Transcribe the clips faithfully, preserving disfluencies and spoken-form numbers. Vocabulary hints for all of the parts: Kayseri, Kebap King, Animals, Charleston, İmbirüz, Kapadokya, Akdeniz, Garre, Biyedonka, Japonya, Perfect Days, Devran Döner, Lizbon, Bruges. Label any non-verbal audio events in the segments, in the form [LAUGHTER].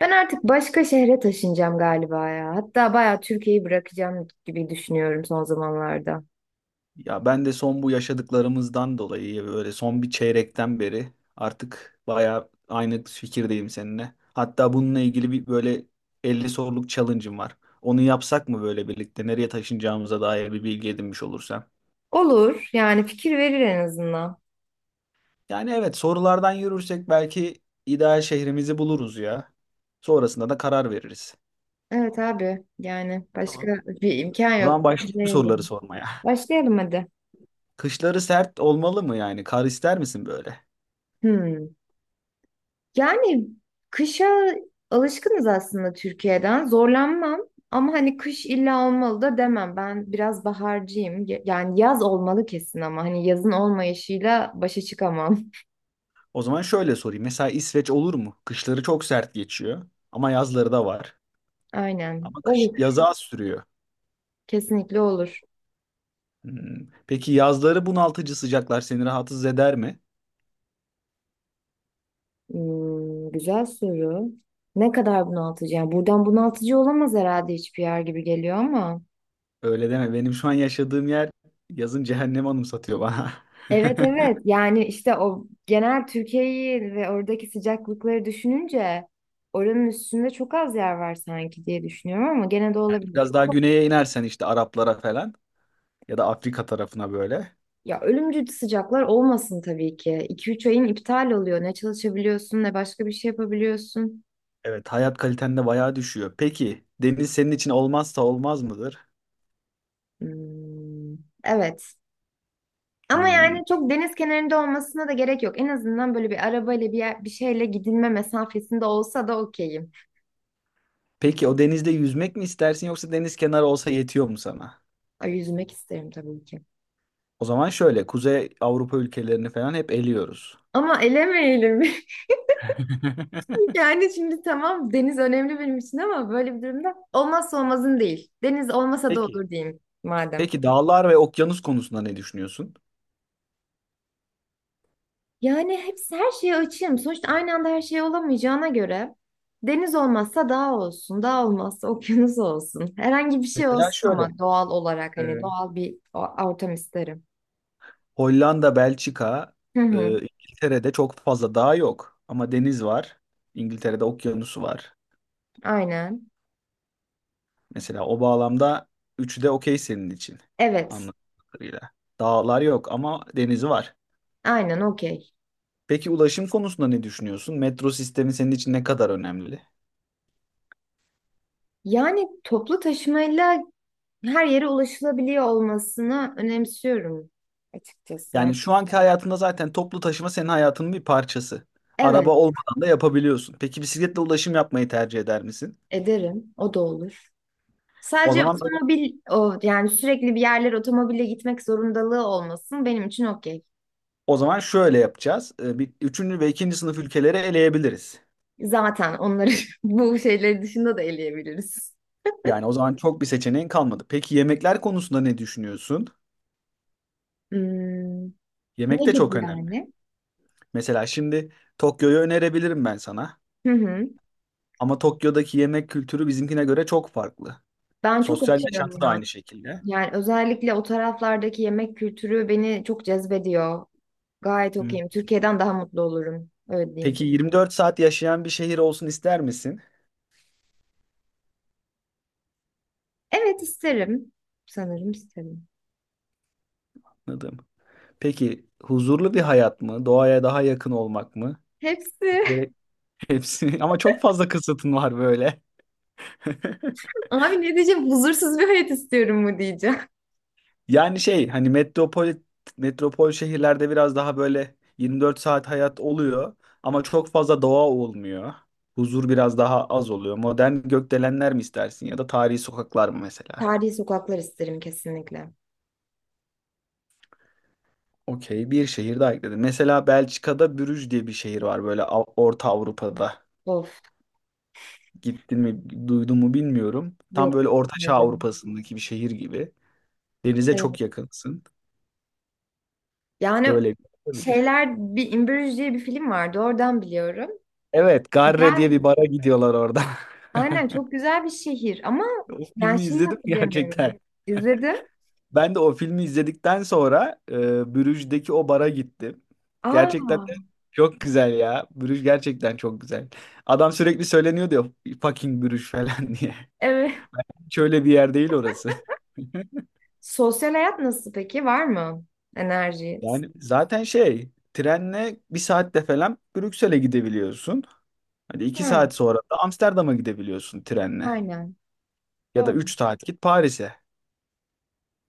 Ben artık başka şehre taşınacağım galiba ya. Hatta bayağı Türkiye'yi bırakacağım gibi düşünüyorum son zamanlarda. Ya ben de son bu yaşadıklarımızdan dolayı böyle son bir çeyrekten beri artık bayağı aynı fikirdeyim seninle. Hatta bununla ilgili bir böyle elli soruluk challenge'ım var. Onu yapsak mı böyle birlikte nereye taşınacağımıza dair bir bilgi edinmiş olursam. Olur yani fikir verir en azından. Yani evet sorulardan yürürsek belki ideal şehrimizi buluruz ya. Sonrasında da karar veririz. Evet abi yani başka Tamam. bir imkan O yok. zaman başlayalım soruları Başlayalım. sormaya. Başlayalım hadi. Kışları sert olmalı mı yani? Kar ister misin böyle? Hmm. Yani kışa alışkınız aslında Türkiye'den. Zorlanmam ama hani kış illa olmalı da demem. Ben biraz baharcıyım. Ye- Yani yaz olmalı kesin ama hani yazın olmayışıyla başa çıkamam. [LAUGHS] O zaman şöyle sorayım. Mesela İsveç olur mu? Kışları çok sert geçiyor ama yazları da var. Aynen. Ama kış Olur. yazı az sürüyor. Kesinlikle olur. Hmm. Peki yazları bunaltıcı sıcaklar seni rahatsız eder mi? Hmm, güzel soru. Ne kadar bunaltıcı? Yani buradan bunaltıcı olamaz herhalde hiçbir yer gibi geliyor ama. Öyle deme. Benim şu an yaşadığım yer yazın cehennem anımsatıyor bana. Evet, evet, [LAUGHS] yani işte o genel Türkiye'yi ve oradaki sıcaklıkları düşününce oranın üstünde çok az yer var sanki diye düşünüyorum ama gene de olabilir. Biraz daha Çok- güneye inersen işte Araplara falan ya da Afrika tarafına böyle. Ya ölümcül sıcaklar olmasın tabii ki. iki üç ayın iptal oluyor. Ne çalışabiliyorsun ne başka bir şey yapabiliyorsun. Evet, hayat kaliten de bayağı düşüyor. Peki deniz senin için olmazsa olmaz mıdır? Hmm, evet. Ama yani Hmm. çok deniz kenarında olmasına da gerek yok. En azından böyle bir arabayla bir yer, bir şeyle gidilme mesafesinde olsa da okeyim. Peki o denizde yüzmek mi istersin yoksa deniz kenarı olsa yetiyor mu sana? Ay, yüzmek isterim tabii ki. O zaman şöyle Kuzey Avrupa ülkelerini falan hep eliyoruz. Ama elemeyelim. [LAUGHS] [LAUGHS] Yani şimdi tamam deniz önemli benim için ama böyle bir durumda olmazsa olmazın değil. Deniz olmasa da Peki. olur diyeyim madem. Peki dağlar ve okyanus konusunda ne düşünüyorsun? Yani hepsi her şeye açığım. Sonuçta aynı anda her şey olamayacağına göre deniz olmazsa dağ olsun, dağ olmazsa okyanus olsun. Herhangi bir şey Mesela olsun şöyle ama doğal olarak e, hani doğal bir o- ortam isterim. Hollanda, Belçika, Hı e, hı. İngiltere'de çok fazla dağ yok ama deniz var. İngiltere'de okyanusu var. Aynen. Mesela o bağlamda üçü de okey senin için Evet. anladığım kadarıyla. Dağlar yok ama denizi var. Aynen okey. Peki ulaşım konusunda ne düşünüyorsun? Metro sistemi senin için ne kadar önemli? Yani toplu taşımayla her yere ulaşılabiliyor olmasını önemsiyorum açıkçası. Yani Yani şu anki hayatında zaten toplu taşıma senin hayatının bir parçası. Araba evet, olmadan da yapabiliyorsun. Peki bisikletle ulaşım yapmayı tercih eder misin? ederim. O da olur. O Sadece zaman otomobil o yani sürekli bir yerlere otomobille gitmek zorundalığı olmasın benim için okey. o zaman şöyle yapacağız. Ee, Bir, üçüncü ve ikinci sınıf ülkeleri eleyebiliriz. Zaten onları [LAUGHS] bu şeyleri dışında da eleyebiliriz. Yani o zaman çok bir seçeneğin kalmadı. Peki yemekler konusunda ne düşünüyorsun? Hmm, ne Yemek de gibi çok önemli. yani? Mesela şimdi Tokyo'yu önerebilirim ben sana. Hı hı. Ama Tokyo'daki yemek kültürü bizimkine göre çok farklı. Ben çok Sosyal açığım yaşantı da ya. aynı şekilde. Yani özellikle o taraflardaki yemek kültürü beni çok cezbediyor. Gayet Hı. okeyim. Türkiye'den daha mutlu olurum. Öyle diyeyim. Peki yirmi dört saat yaşayan bir şehir olsun ister misin? Evet isterim. Sanırım isterim. Anladım. Peki huzurlu bir hayat mı? Doğaya daha yakın olmak mı? Hepsi. Gerek hepsi. [LAUGHS] Ama çok fazla kısıtın var böyle. [LAUGHS] [LAUGHS] Abi ne diyeceğim? Huzursuz bir hayat istiyorum mu diyeceğim. Yani şey hani metropol metropol şehirlerde biraz daha böyle yirmi dört saat hayat oluyor ama çok fazla doğa olmuyor. Huzur biraz daha az oluyor. Modern gökdelenler mi istersin ya da tarihi sokaklar mı [LAUGHS] mesela? Tarihi sokaklar isterim kesinlikle. Okey bir şehir daha ekledim. Mesela Belçika'da Brüj diye bir şehir var böyle Av- Orta Avrupa'da. Of, Gittin mi duydun mu bilmiyorum. Tam yok böyle Orta dedim. Avrupa'sındaki bir şehir gibi. Denize Evet. çok yakınsın. Yani Böyle bir şey olabilir. şeyler bir İmbirüz diye bir film vardı. Oradan biliyorum. Evet, Garre Güzel. diye bir bara gidiyorlar orada. [LAUGHS] Aynen çok güzel bir şehir ama O ben filmi şeyi izledim [LAUGHS] hatırlayamıyorum. gerçekten. İzledim. Ben de o filmi izledikten sonra e, Bruges'deki o bara gittim. Gerçekten de Aa, çok güzel ya. Bruges gerçekten çok güzel. Adam sürekli söyleniyordu diyor, fucking Bruges falan [LAUGHS] diye. evet. Şöyle bir yer değil orası. [LAUGHS] Sosyal hayat nasıl peki? Var mı? Enerji. Yani zaten şey trenle bir saatte falan Brüksel'e gidebiliyorsun. Hadi iki Var mı? saat sonra da Amsterdam'a gidebiliyorsun trenle. Aynen. Ya Doğru. da üç saat git Paris'e.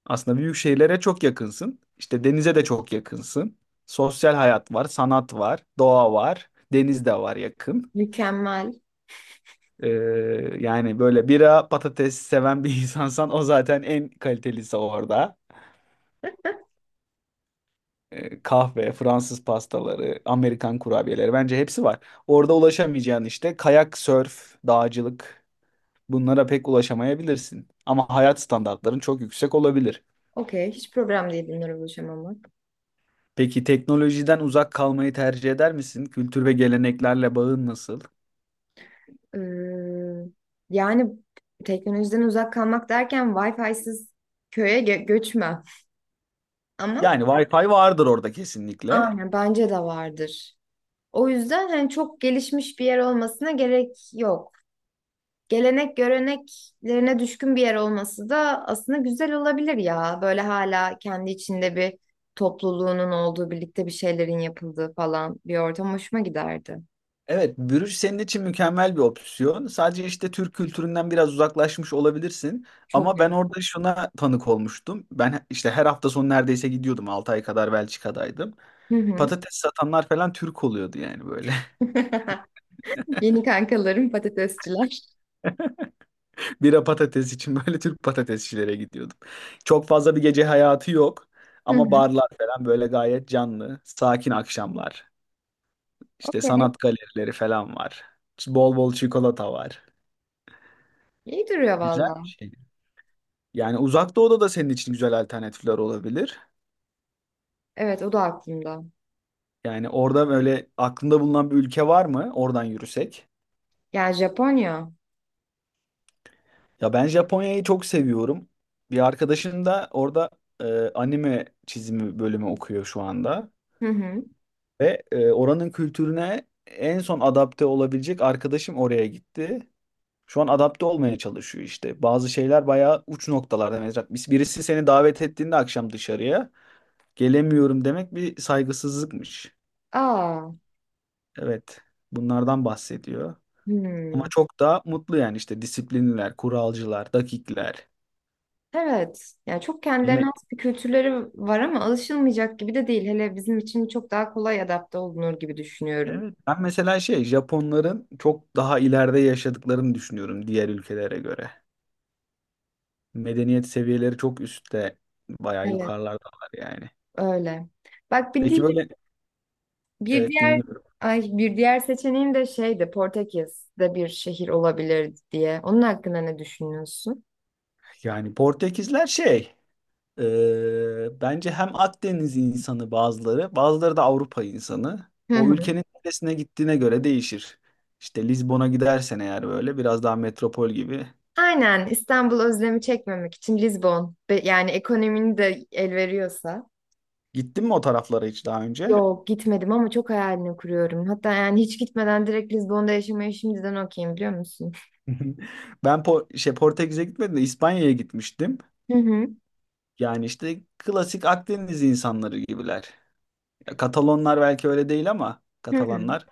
Aslında büyük şehirlere çok yakınsın. İşte denize de çok yakınsın. Sosyal hayat var, sanat var, doğa var, deniz de var yakın. Mükemmel. Ee, yani böyle bira patates seven bir [LAUGHS] insansan o zaten en kalitelisi orada. e, kahve, Fransız pastaları, Amerikan kurabiyeleri bence hepsi var. Orada ulaşamayacağın işte kayak, sörf, dağcılık bunlara pek ulaşamayabilirsin. Ama hayat standartların çok yüksek olabilir. Okey. Hiç problem değil bunlara ulaşamamak. Peki teknolojiden uzak kalmayı tercih eder misin? Kültür ve geleneklerle bağın nasıl? Ee, yani teknolojiden uzak kalmak derken Wi-Fi'siz köye gö- göçme. Ama Yani Wi-Fi vardır orada kesinlikle. aynen bence de vardır. O yüzden hani çok gelişmiş bir yer olmasına gerek yok. Gelenek göreneklerine düşkün bir yer olması da aslında güzel olabilir ya. Böyle hala kendi içinde bir topluluğunun olduğu, birlikte bir şeylerin yapıldığı falan bir ortam hoşuma giderdi. Evet, bürüş senin için mükemmel bir opsiyon. Sadece işte Türk kültüründen biraz uzaklaşmış olabilirsin. Çok Ama ben iyi. orada şuna tanık olmuştum. Ben işte her hafta sonu neredeyse gidiyordum. altı ay kadar Belçika'daydım. Hı hı. Patates satanlar falan Türk oluyordu yani böyle. [LAUGHS] Yeni kankalarım patatesçiler. [LAUGHS] Bira patates için böyle Türk patatesçilere gidiyordum. Çok fazla bir gece hayatı yok. Hı Ama hı. barlar falan böyle gayet canlı. Sakin akşamlar. İşte Okey. sanat galerileri falan var. Bol bol çikolata var. İyi duruyor Güzel valla. bir şey. Yani uzak doğuda da senin için güzel alternatifler olabilir. Evet, o da aklımda. Yani orada böyle aklında bulunan bir ülke var mı? Oradan yürüsek. Yani Japonya. Ya ben Japonya'yı çok seviyorum. Bir arkadaşım da orada e, anime çizimi bölümü okuyor şu anda. Hı hı. Ve e, oranın kültürüne en son adapte olabilecek arkadaşım oraya gitti. Şu an adapte olmaya çalışıyor işte. Bazı şeyler bayağı uç noktalarda. Mesela birisi seni davet ettiğinde akşam dışarıya gelemiyorum demek bir saygısızlıkmış. Aa. Evet, bunlardan bahsediyor. Ama Hmm. çok daha mutlu yani işte disiplinliler, kuralcılar, dakikler. Evet. Yani çok kendilerine Yemek. has bir kültürleri var ama alışılmayacak gibi de değil. Hele bizim için çok daha kolay adapte olunur gibi düşünüyorum. Evet, ben mesela şey Japonların çok daha ileride yaşadıklarını düşünüyorum diğer ülkelere göre. Medeniyet seviyeleri çok üstte, bayağı Evet, yukarılardalar yani. öyle. Bak bir Peki di- böyle bir evet diğer, dinliyorum. ay, bir diğer seçeneğim de şeydi, Portekiz'de bir şehir olabilir diye. Onun hakkında ne düşünüyorsun? Yani Portekizler şey Ee, bence hem Akdeniz insanı bazıları, bazıları da Avrupa insanı. O [LAUGHS] ülkenin neresine gittiğine göre değişir. İşte Lizbon'a gidersen eğer böyle biraz daha metropol gibi. Aynen İstanbul özlemi çekmemek için Lizbon Be- yani ekonominin de el veriyorsa. Gittin mi o taraflara hiç daha önce? Yok gitmedim ama çok hayalini kuruyorum. Hatta yani hiç gitmeden direkt Lizbon'da yaşamayı şimdiden okeyim biliyor musun? [LAUGHS] Ben Po- şey Portekiz'e gitmedim de İspanya'ya gitmiştim. Hı hı. Yani işte klasik Akdeniz insanları gibiler. Ya Katalonlar belki öyle değil ama Hı hı. Katalanlar.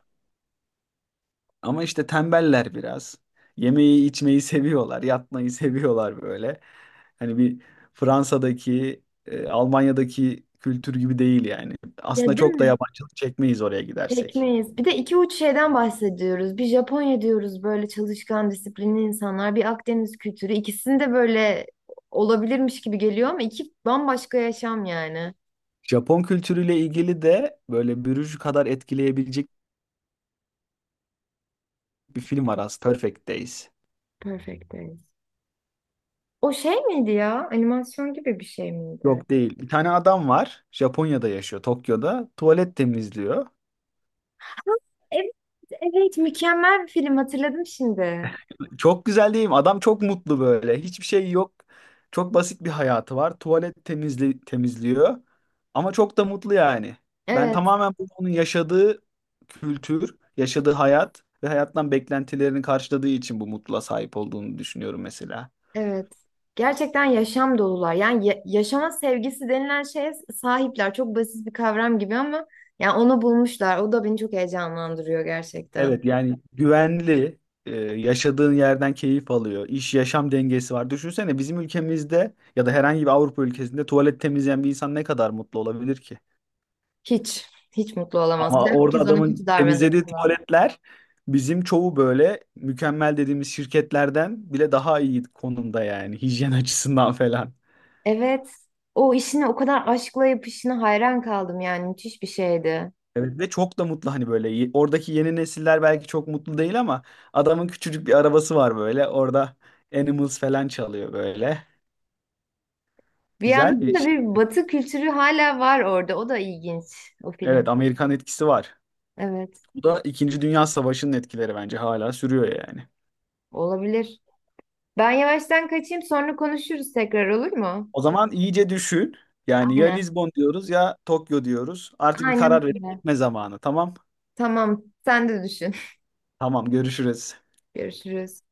Ama işte tembeller biraz. Yemeği içmeyi seviyorlar, yatmayı seviyorlar böyle. Hani bir Fransa'daki, e, Almanya'daki kültür gibi değil yani. Aslında Ya değil çok da mi? yabancılık çekmeyiz oraya gidersek. Tekmeyiz. Bir de iki uç şeyden bahsediyoruz. Bir Japonya diyoruz böyle çalışkan, disiplinli insanlar. Bir Akdeniz kültürü. İkisinde böyle olabilirmiş gibi geliyor ama iki bambaşka yaşam yani. Japon kültürüyle ilgili de böyle Bruges kadar etkileyebilecek bir film var aslında. Perfect Days. Perfect Days. O şey miydi ya? Animasyon gibi bir şey miydi? Yok değil. Bir tane adam var. Japonya'da yaşıyor, Tokyo'da. Tuvalet temizliyor. Evet, evet, mükemmel bir film hatırladım şimdi. Çok güzel değil mi? Adam çok mutlu böyle. Hiçbir şey yok. Çok basit bir hayatı var. Tuvalet temizli temizliyor. Ama çok da mutlu yani. Ben Evet, tamamen bu- onun yaşadığı kültür, yaşadığı hayat ve hayattan beklentilerini karşıladığı için bu mutluluğa sahip olduğunu düşünüyorum mesela. evet. Gerçekten yaşam dolular. Yani ya- yaşama sevgisi denilen şeye sahipler. Çok basit bir kavram gibi ama yani onu bulmuşlar. O da beni çok heyecanlandırıyor gerçekten. Evet yani güvenli, e, yaşadığın yerden keyif alıyor. İş yaşam dengesi var. Düşünsene bizim ülkemizde ya da herhangi bir Avrupa ülkesinde tuvalet temizleyen bir insan ne kadar mutlu olabilir ki? Hiç, hiç mutlu olamaz. Bir de Ama orada herkes ona adamın kötü davranır temizlediği falan. tuvaletler bizim çoğu böyle mükemmel dediğimiz şirketlerden bile daha iyi konumda yani hijyen [LAUGHS] açısından falan. Evet. O işini o kadar aşkla yapışına hayran kaldım yani müthiş bir şeydi. Evet ve çok da mutlu hani böyle Ye- oradaki yeni nesiller belki çok mutlu değil ama adamın küçücük bir arabası var böyle orada Animals falan çalıyor böyle. Bir Güzel yandan bir da şey. bir batı kültürü hala var orada. O da ilginç o Evet film. Amerikan etkisi var. Evet, Bu da İkinci Dünya Savaşı'nın etkileri bence hala sürüyor yani. olabilir. Ben yavaştan kaçayım sonra konuşuruz tekrar olur mu? O zaman iyice düşün. Yani ya Aynen. Lizbon diyoruz ya Tokyo diyoruz. Artık bir Aynen karar verip öyle. gitme zamanı. Tamam. Tamam, sen de düşün. Tamam görüşürüz. [LAUGHS] Görüşürüz.